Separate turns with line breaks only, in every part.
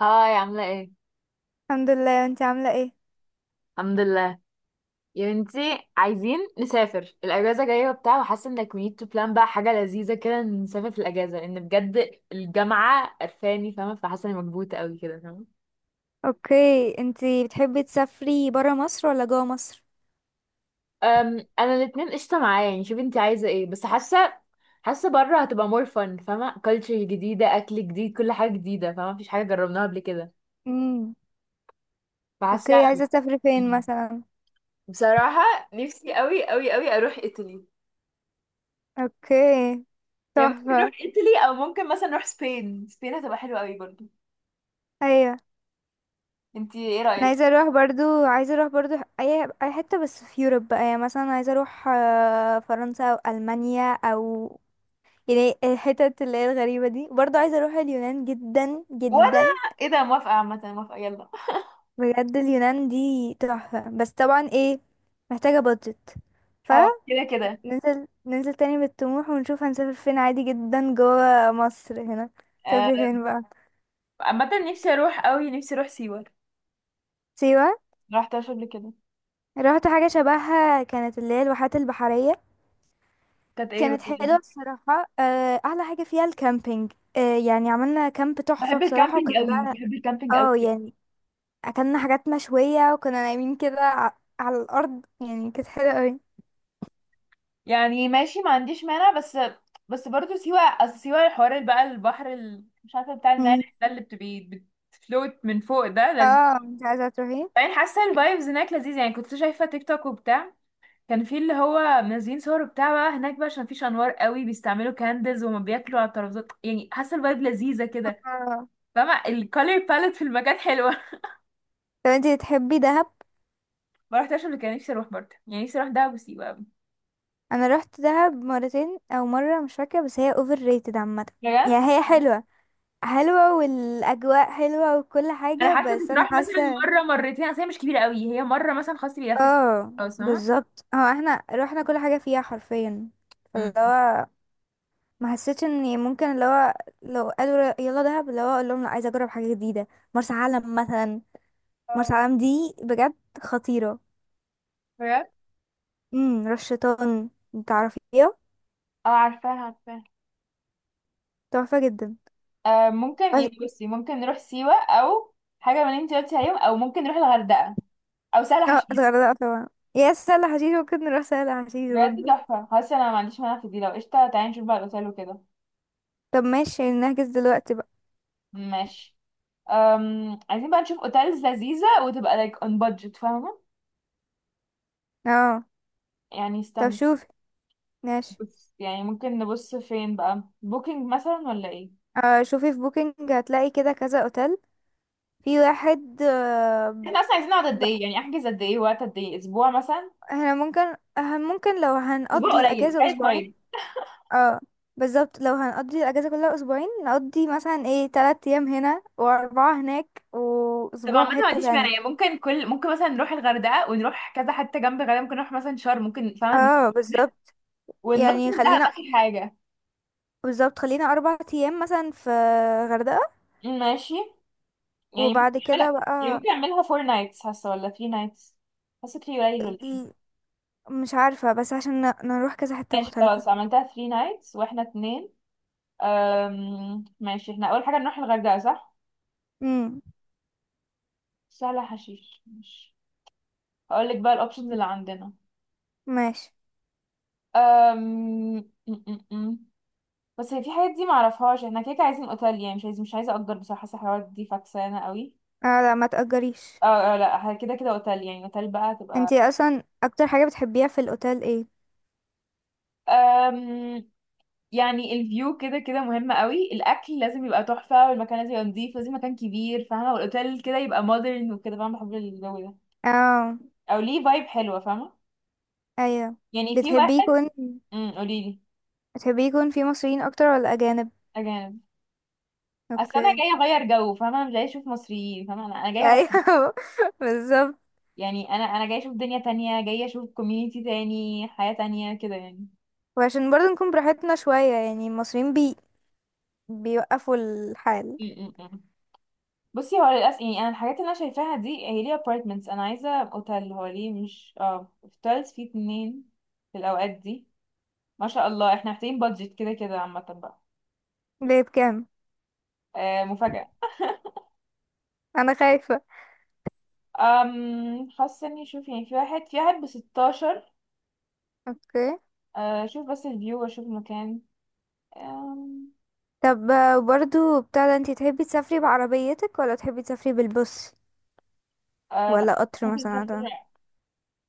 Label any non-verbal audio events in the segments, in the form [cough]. هاي عاملة ايه؟
الحمد لله، انت عاملة ايه؟
الحمد لله، يا بنتي عايزين نسافر الأجازة جاية وبتاع، وحاسة انك we need to plan بقى حاجة لذيذة كده، نسافر في الأجازة لأن بجد الجامعة قرفاني، فاهمة؟ فحاسة اني مكبوتة قوي كده، فاهمة؟
اوكي، انت بتحبي تسافري برا مصر ولا جوا مصر؟
أنا الاتنين قشطة معايا، يعني شوفي انتي عايزة ايه، بس حاسة بره هتبقى more fun، فاهمة؟ culture جديدة، أكل جديد، كل حاجة جديدة، فاهمة؟ مفيش حاجة جربناها قبل كده،
امم
فحاسة.
اوكي، عايزة تسافري فين مثلا؟
بصراحة نفسي قوي قوي قوي أروح إيطالي.
اوكي،
يعني ممكن نروح
تحفة.
ايطالي او ممكن مثلا نروح سبين. سبين هتبقى حلوه قوي برضو.
ايوه،
انتي ايه
انا
رايك؟
عايزة اروح برضو عايزة اروح برضو. اي حتة بس في يوروب بقى، يعني مثلا عايزة اروح فرنسا او المانيا، او يعني الحتت اللي هي الغريبة دي، برضو عايزة اروح اليونان جدا
وانا
جدا.
ايه ده؟ موافقه عامه، موافقه يلا.
بجد اليونان دي تحفة، بس طبعا ايه، محتاجة بادجت.
او كده كده.
ننزل ننزل تاني بالطموح ونشوف هنسافر فين، عادي جدا جوه مصر هنا.
آه،
سافر فين بقى؟
عامه نفسي اروح قوي، نفسي اروح سيوه،
سيوة.
ما رحتهاش قبل كده.
رحت حاجة شبهها، كانت اللي هي الواحات البحرية.
كانت ايه برضو؟
كانت حلوة بصراحة. أحلى حاجة فيها الكامبينج. يعني عملنا كامب تحفة
بحب
بصراحة،
الكامبينج
وكان
قوي،
بقى
بحب الكامبينج
اه
قوي.
يعني أكلنا حاجات مشوية، وكنا نايمين كده على الأرض، يعني كانت حلوة أوي.
يعني ماشي ما عنديش مانع بس. بس برضو سيوه اصل سيوه، الحوار اللي بقى البحر مش عارفه بتاع
مم.
المالح ده اللي بتبقي بتفلوت من فوق ده لذيذ.
اه، انت عايزة تروحي.
يعني حاسه الفايبز هناك لذيذ، يعني كنت شايفه تيك توك وبتاع، كان في اللي هو منزلين صور بتاع بقى هناك، بقى عشان مفيش انوار قوي بيستعملوا كاندلز وما بياكلوا على الترابيزات. يعني حاسه الفايب لذيذه كده،
اه
فاهمه؟ الكالر باليت في المكان حلوه [laughs]
طب، انتي بتحبي دهب؟
ما رحتش قبل كده، نفسي اروح برضه، يعني نفسي اروح دهب وسيوه قوي.
انا رحت دهب مرتين او مره مش فاكره، بس هي اوفر ريتد عامه.
بجد؟
يعني هي حلوه، حلوه والاجواء حلوه وكل
انا
حاجه،
حاسه
بس انا
تتراح مثلا
حاسه
مره مرتين، اصل هي مش كبيره قوي، هي مره مثلا خلاص بيلفت.
اه
خلاص فاهمه.
بالظبط، هو احنا رحنا كل حاجه فيها حرفيا.
أمم.
فاللي هو ما حسيتش اني ممكن اللي هو، لو قالوا يلا دهب اللي هو اقول لهم لا، عايزه اجرب حاجه جديده. مرسى علم مثلا. مرسى
اه.
علم دي بجد خطيره.
بجد.
رش شيطان، تعرفيها؟
اه عارفاه عارفاه.
تحفه جدا.
آه ممكن بصي ممكن نروح سيوة او حاجة من اللي انت قلتي عليهم، او ممكن نروح الغردقة او سهل
اه
حشيش.
الغردقة طبعا، يا سهل حشيش ممكن نروح سهل حشيش
بجد
برضه.
تحفة، خلاص انا ما عنديش مانع في دي، لو قشطة تعالي نشوف بقى الاوتيل وكده.
طب ماشي، نحجز دلوقتي بقى.
ماشي. عايزين بقى نشوف اوتيلز لذيذة وتبقى like on budget، فاهمة؟
اه
يعني
طب
استنى.
شوفي، ماشي.
بص يعني ممكن نبص فين بقى، بوكينج مثلا ولا ايه؟
آه، شوفي في بوكينج هتلاقي كده كذا اوتيل، في واحد.
احنا اصلا عايزين نقعد قد
ب-
ايه؟ يعني احجز قد ايه وقت، قد ايه، اسبوع مثلا؟
احنا ممكن، اه ممكن لو
اسبوع
هنقضي
قليل،
الاجازة
تعالي
اسبوعين.
اسبوعين.
اه بالظبط، لو هنقضي الاجازة كلها اسبوعين نقضي مثلا ايه 3 ايام هنا و4 هناك
طب
واسبوع
عامة
في
ما
حتة
عنديش مانع،
تانية.
يعني ممكن كل ممكن مثلا نروح الغردقة ونروح كذا حتة جنب الغردقة، ممكن نروح مثلا شرم ممكن، فاهمة؟
اه بالظبط،
ونروح
يعني
مثلا دهب
خلينا،
اخر حاجة.
بالظبط خلينا 4 ايام مثلا في غردقة،
ماشي. يعني
وبعد
ممكن
كده
اعملها،
بقى
يعني ممكن اعملها فور نايتس، حاسه ولا ثري نايتس؟ حاسه ثري قليل ولا ايه؟
ال- مش عارفة، بس عشان نروح كذا حتة
ماشي
مختلفة.
خلاص عملتها ثري نايتس واحنا اتنين. ماشي، احنا اول حاجه نروح الغردقه صح؟
امم
سهله حشيش ماشي. هقول لك بقى الاوبشنز اللي عندنا.
ماشي.
أم... م- م- م. بس هي في حاجات دي معرفهاش، احنا كده كده عايزين اوتيل، يعني مش عايزه اجر بصراحه، حاسه الحوارات دي فكسانه قوي.
اه لا، ما تأجريش.
اه. لا كده كده اوتيل، يعني اوتيل بقى تبقى.
انتي اصلا اكتر حاجة بتحبيها في الاوتيل ايه؟
يعني الفيو كده كده مهم قوي، الاكل لازم يبقى تحفه، والمكان لازم يبقى نظيف، لازم مكان كبير، فاهمه؟ والاوتيل كده يبقى مودرن وكده، فاهمه؟ بحب الجو ده.
اه،
او ليه فايب حلوه، فاهمه؟
ايوه.
يعني في
بتحبي
واحد.
يكون
قولي لي.
بتحبي يكون في مصريين اكتر ولا اجانب؟
اجانب. اصل انا
اوكي.
جايه اغير جو، فاهمه؟ مش جايه اشوف مصريين، فاهمه؟ انا أنا جايه اغير.
ايوه، [laughs] بالظبط.
يعني انا جايه اشوف دنيا تانية، جايه اشوف كوميونيتي تاني، حياه تانية كده يعني.
وعشان برضه نكون براحتنا شوية، يعني المصريين بيوقفوا الحال.
أمم، أمم. بصي هو للاسف، يعني انا الحاجات اللي انا شايفاها دي هي ليه ابارتمنتس، انا عايزه اوتيل، هو ليه مش اه اوتيلز، فيه اتنين في الاوقات دي. ما شاء الله، احنا محتاجين بادجت كده كده، عامة بقى.
ليه، بكام؟
آه مفاجأة.
انا خايفة.
حاسة اني شوف يعني في واحد بستاشر.
اوكي.
آه شوف بس الفيو واشوف المكان. أم
طب برضو بتاع ده، انتي تحبي تسافري بعربيتك ولا تحبي تسافري بالبص،
آه لا،
ولا قطر
ممكن
مثلا ده؟
نسافر،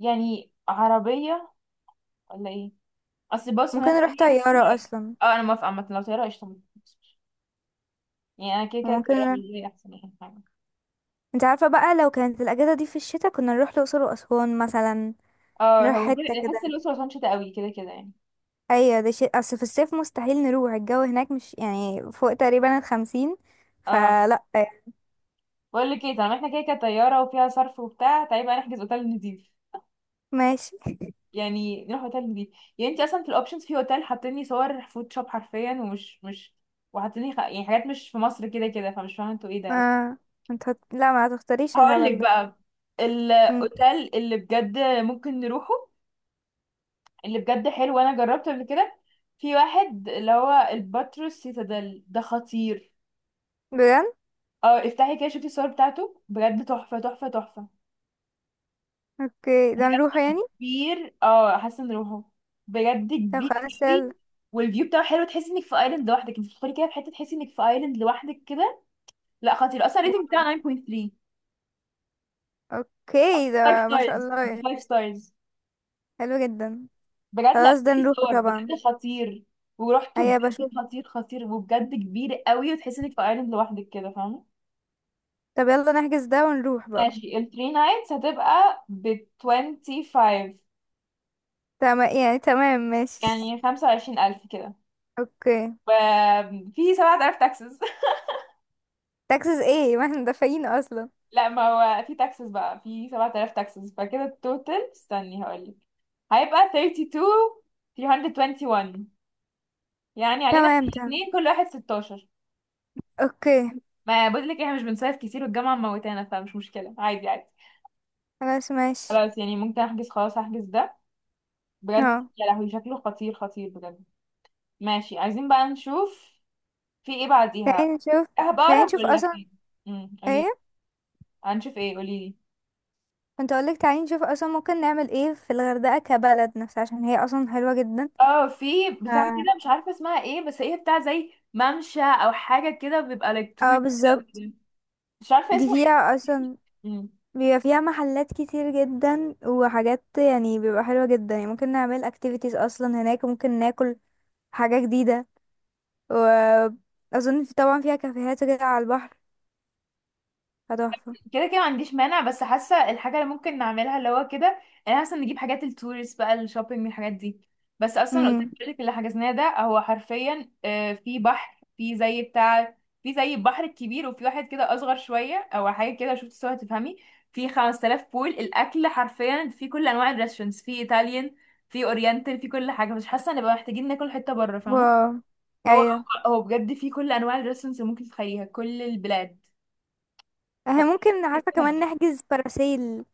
يعني عربية ولا ايه؟ اصل باص
ممكن
مثلا
نروح
حاسة.
طيارة اصلا.
اه انا موافقة عامة لو طيارة قشطة، يعني انا كده كده
وممكن
الطيارة
نروح...
بالنسبة لي احسن يعني حاجة.
انت عارفة بقى، لو كانت الاجازة دي في الشتاء كنا نروح الأقصر وأسوان مثلا،
اه
نروح
هو
حتة
كده
كده.
احس الأسرة عشان شتا قوي كده كده يعني.
ايوه ده شيء، اصل في الصيف مستحيل نروح، الجو هناك مش يعني فوق تقريبا الـ50،
اه
فلا يعني.
بقول لك ايه، طالما احنا كده كده طيارة وفيها صرف وبتاع، تعالي بقى نحجز اوتيل نضيف،
ماشي.
يعني نروح اوتيل نضيف. يعني انت اصلا في الاوبشنز في اوتيل حاطيني صور فود شوب حرفيا، ومش مش وحاطيني يعني حاجات مش في مصر كده كده، فمش فاهمه انتوا ايه ده اصلا.
اه، انت لا ما هتختاريش
هقول لك
الهبل ده.
بقى
مم.
الاوتيل اللي بجد ممكن نروحه، اللي بجد حلو وانا جربته قبل كده. في واحد اللي هو الباتروس سيتادل ده خطير.
بجد؟
اه افتحي كده شوفي الصور بتاعته، بجد تحفه تحفه تحفه.
اوكي، ده نروح يعني.
كبير اه، حاسه نروحه. بجد
طب
كبير
خلاص يلا.
قوي، والفيو بتاعه حلو، تحسي انك في ايلاند لوحدك، انت بتدخلي كده في حته تحسي انك في ايلاند لوحدك كده. لا خطير اصلا، الريتنج بتاعه 9.3.
اوكي،
5
ده ما شاء
ستارز،
الله يعني.
5 ستارز.
حلو جدا.
بجد لا،
خلاص ده
في
نروحه
صور
طبعا.
بجد خطير. ورحته
هيا
بجد
بشوف.
خطير خطير، وبجد كبير قوي، وتحسي انك في ايلاند لوحدك كده، فاهمه؟
طب يلا نحجز ده ونروح بقى.
ماشي، ال 3 نايتس هتبقى ب 25.
تمام يعني، تمام ماشي.
يعني 25,000 كده،
اوكي.
وفي 7,000 تاكسز.
تاكسس ايه [laughs] ما احنا دافعين اصلا.
لا ما هو في تاكسس بقى، في 7,000 تاكسس، فكده التوتال استني هقولك. هيبقى 32. يعني علينا احنا
تمام تمام.
الاثنين كل واحد 16.
اوكي.
ما بقول لك احنا مش بنصيف كتير والجامعة موتانا، فمش مشكلة، عادي عادي.
خلاص ماشي.
خلاص يعني ممكن احجز، خلاص هحجز ده. بجد
اه،
يا لهوي شكله خطير خطير بجد. ماشي عايزين بقى نشوف في ايه بعديها.
تعالي نشوف تعالي
اهبقرب
نشوف
ولا
اصلا.
فين؟ قولي.
ايه؟
هنشوف ايه قولي.
كنت اقولك تعالي نشوف اصلا، ممكن نعمل ايه في الغردقة كبلد نفسها، عشان هي اصلا حلوة جدا.
اه في بتاع
اه.
كده مش عارفه اسمها ايه، بس هي بتاع زي ممشى او حاجه كده، بيبقى لك تور.
آه
أوي
بالظبط.
كده. مش عارفه
دي
اسمه ايه.
فيها اصلا
مم.
بيبقى فيها محلات كتير جدا وحاجات، يعني بيبقى حلوة جدا، يعني ممكن نعمل activities اصلا هناك، ممكن ناكل حاجة جديدة، واظن في طبعا فيها كافيهات وكده على البحر، هتحفة.
كده كده ما عنديش مانع، بس حاسه الحاجه اللي ممكن نعملها اللي هو كده، انا حاسه نجيب حاجات التوريست بقى، الشوبينج الحاجات دي. بس اصلا لو
امم
قلت لك اللي حجزناه ده هو حرفيا، في بحر، في زي بتاع، في زي البحر الكبير، وفي واحد كده اصغر شويه او حاجه كده، شفت صور تفهمي. في 5,000 بول، الاكل حرفيا في كل انواع الريستورانتس، في ايطاليان، في اورينتال، في كل حاجه، مش حاسه نبقى محتاجين ناكل حته بره، فاهمه؟
واو،
فهو
ايوه.
هو بجد في كل انواع الريستورانتس اللي ممكن تتخيليها، كل
احنا ممكن عارفة كمان
البلاد.
نحجز باراسيل،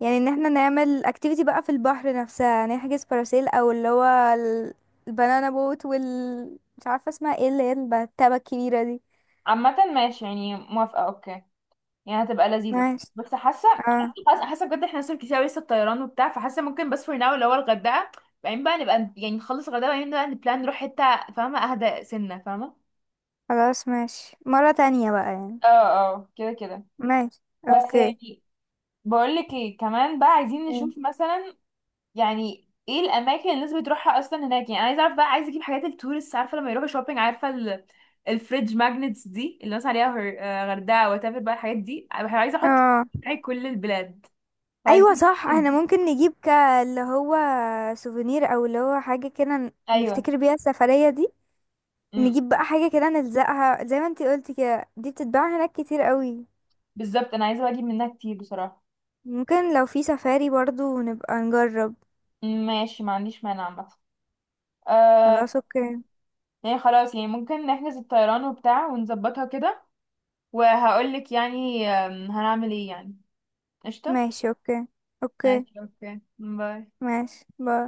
يعني ان احنا نعمل activity بقى في البحر نفسها، نحجز باراسيل او اللي هو ال- البنانا بوت، وال مش عارفة اسمها ايه اللي هي التبة الكبيرة دي.
عامة ماشي يعني موافقة اوكي، يعني هتبقى لذيذة.
ماشي.
بس حاسة،
اه
حاسة بجد احنا لسه كتير أوي، لسه الطيران وبتاع، فحاسة ممكن بس فور ناو اللي هو الغردقة، بعدين بقى نبقى يعني نخلص الغردقة بعدين بقى نبلان نروح حتة، فاهمة؟ اهدى سنة فاهمة.
خلاص، ماشي مرة تانية بقى يعني.
اه. اه كده كده.
ماشي،
بس
اوكي.
يعني بقولك ايه كمان بقى، عايزين
مم.
نشوف مثلا يعني ايه الاماكن اللي الناس بتروحها اصلا هناك. يعني انا عايزه اعرف بقى، عايزه اجيب حاجات التورست، عارفه لما يروحوا شوبينج، عارفه الفريج ماجنتس دي اللي الناس عليها، آه، غردقه وتافر بقى، الحاجات دي أنا عايزه احط
اه،
في كل البلاد.
ايوه
فعايزين
صح، احنا
[laughs]
ممكن نجيب اللي هو سوفينير، او اللي هو حاجه كده
ايوه
نفتكر بيها السفريه دي.
امم.
نجيب بقى حاجه كده نلزقها، زي ما انتي قلتي كده، دي بتتباع هناك كتير قوي.
بالظبط انا عايزه بقى اجيب منها كتير بصراحه.
ممكن لو في سفاري برضو نبقى نجرب.
أمم، ماشي ما عنديش مانع عامه. آه.
خلاص اوكي.
يعني خلاص يعني ممكن نحجز الطيران وبتاع ونظبطها كده، وهقولك يعني هنعمل ايه يعني. قشطه.
ماشي اوكي، اوكي.
ماشي اوكي باي.
ماشي باي.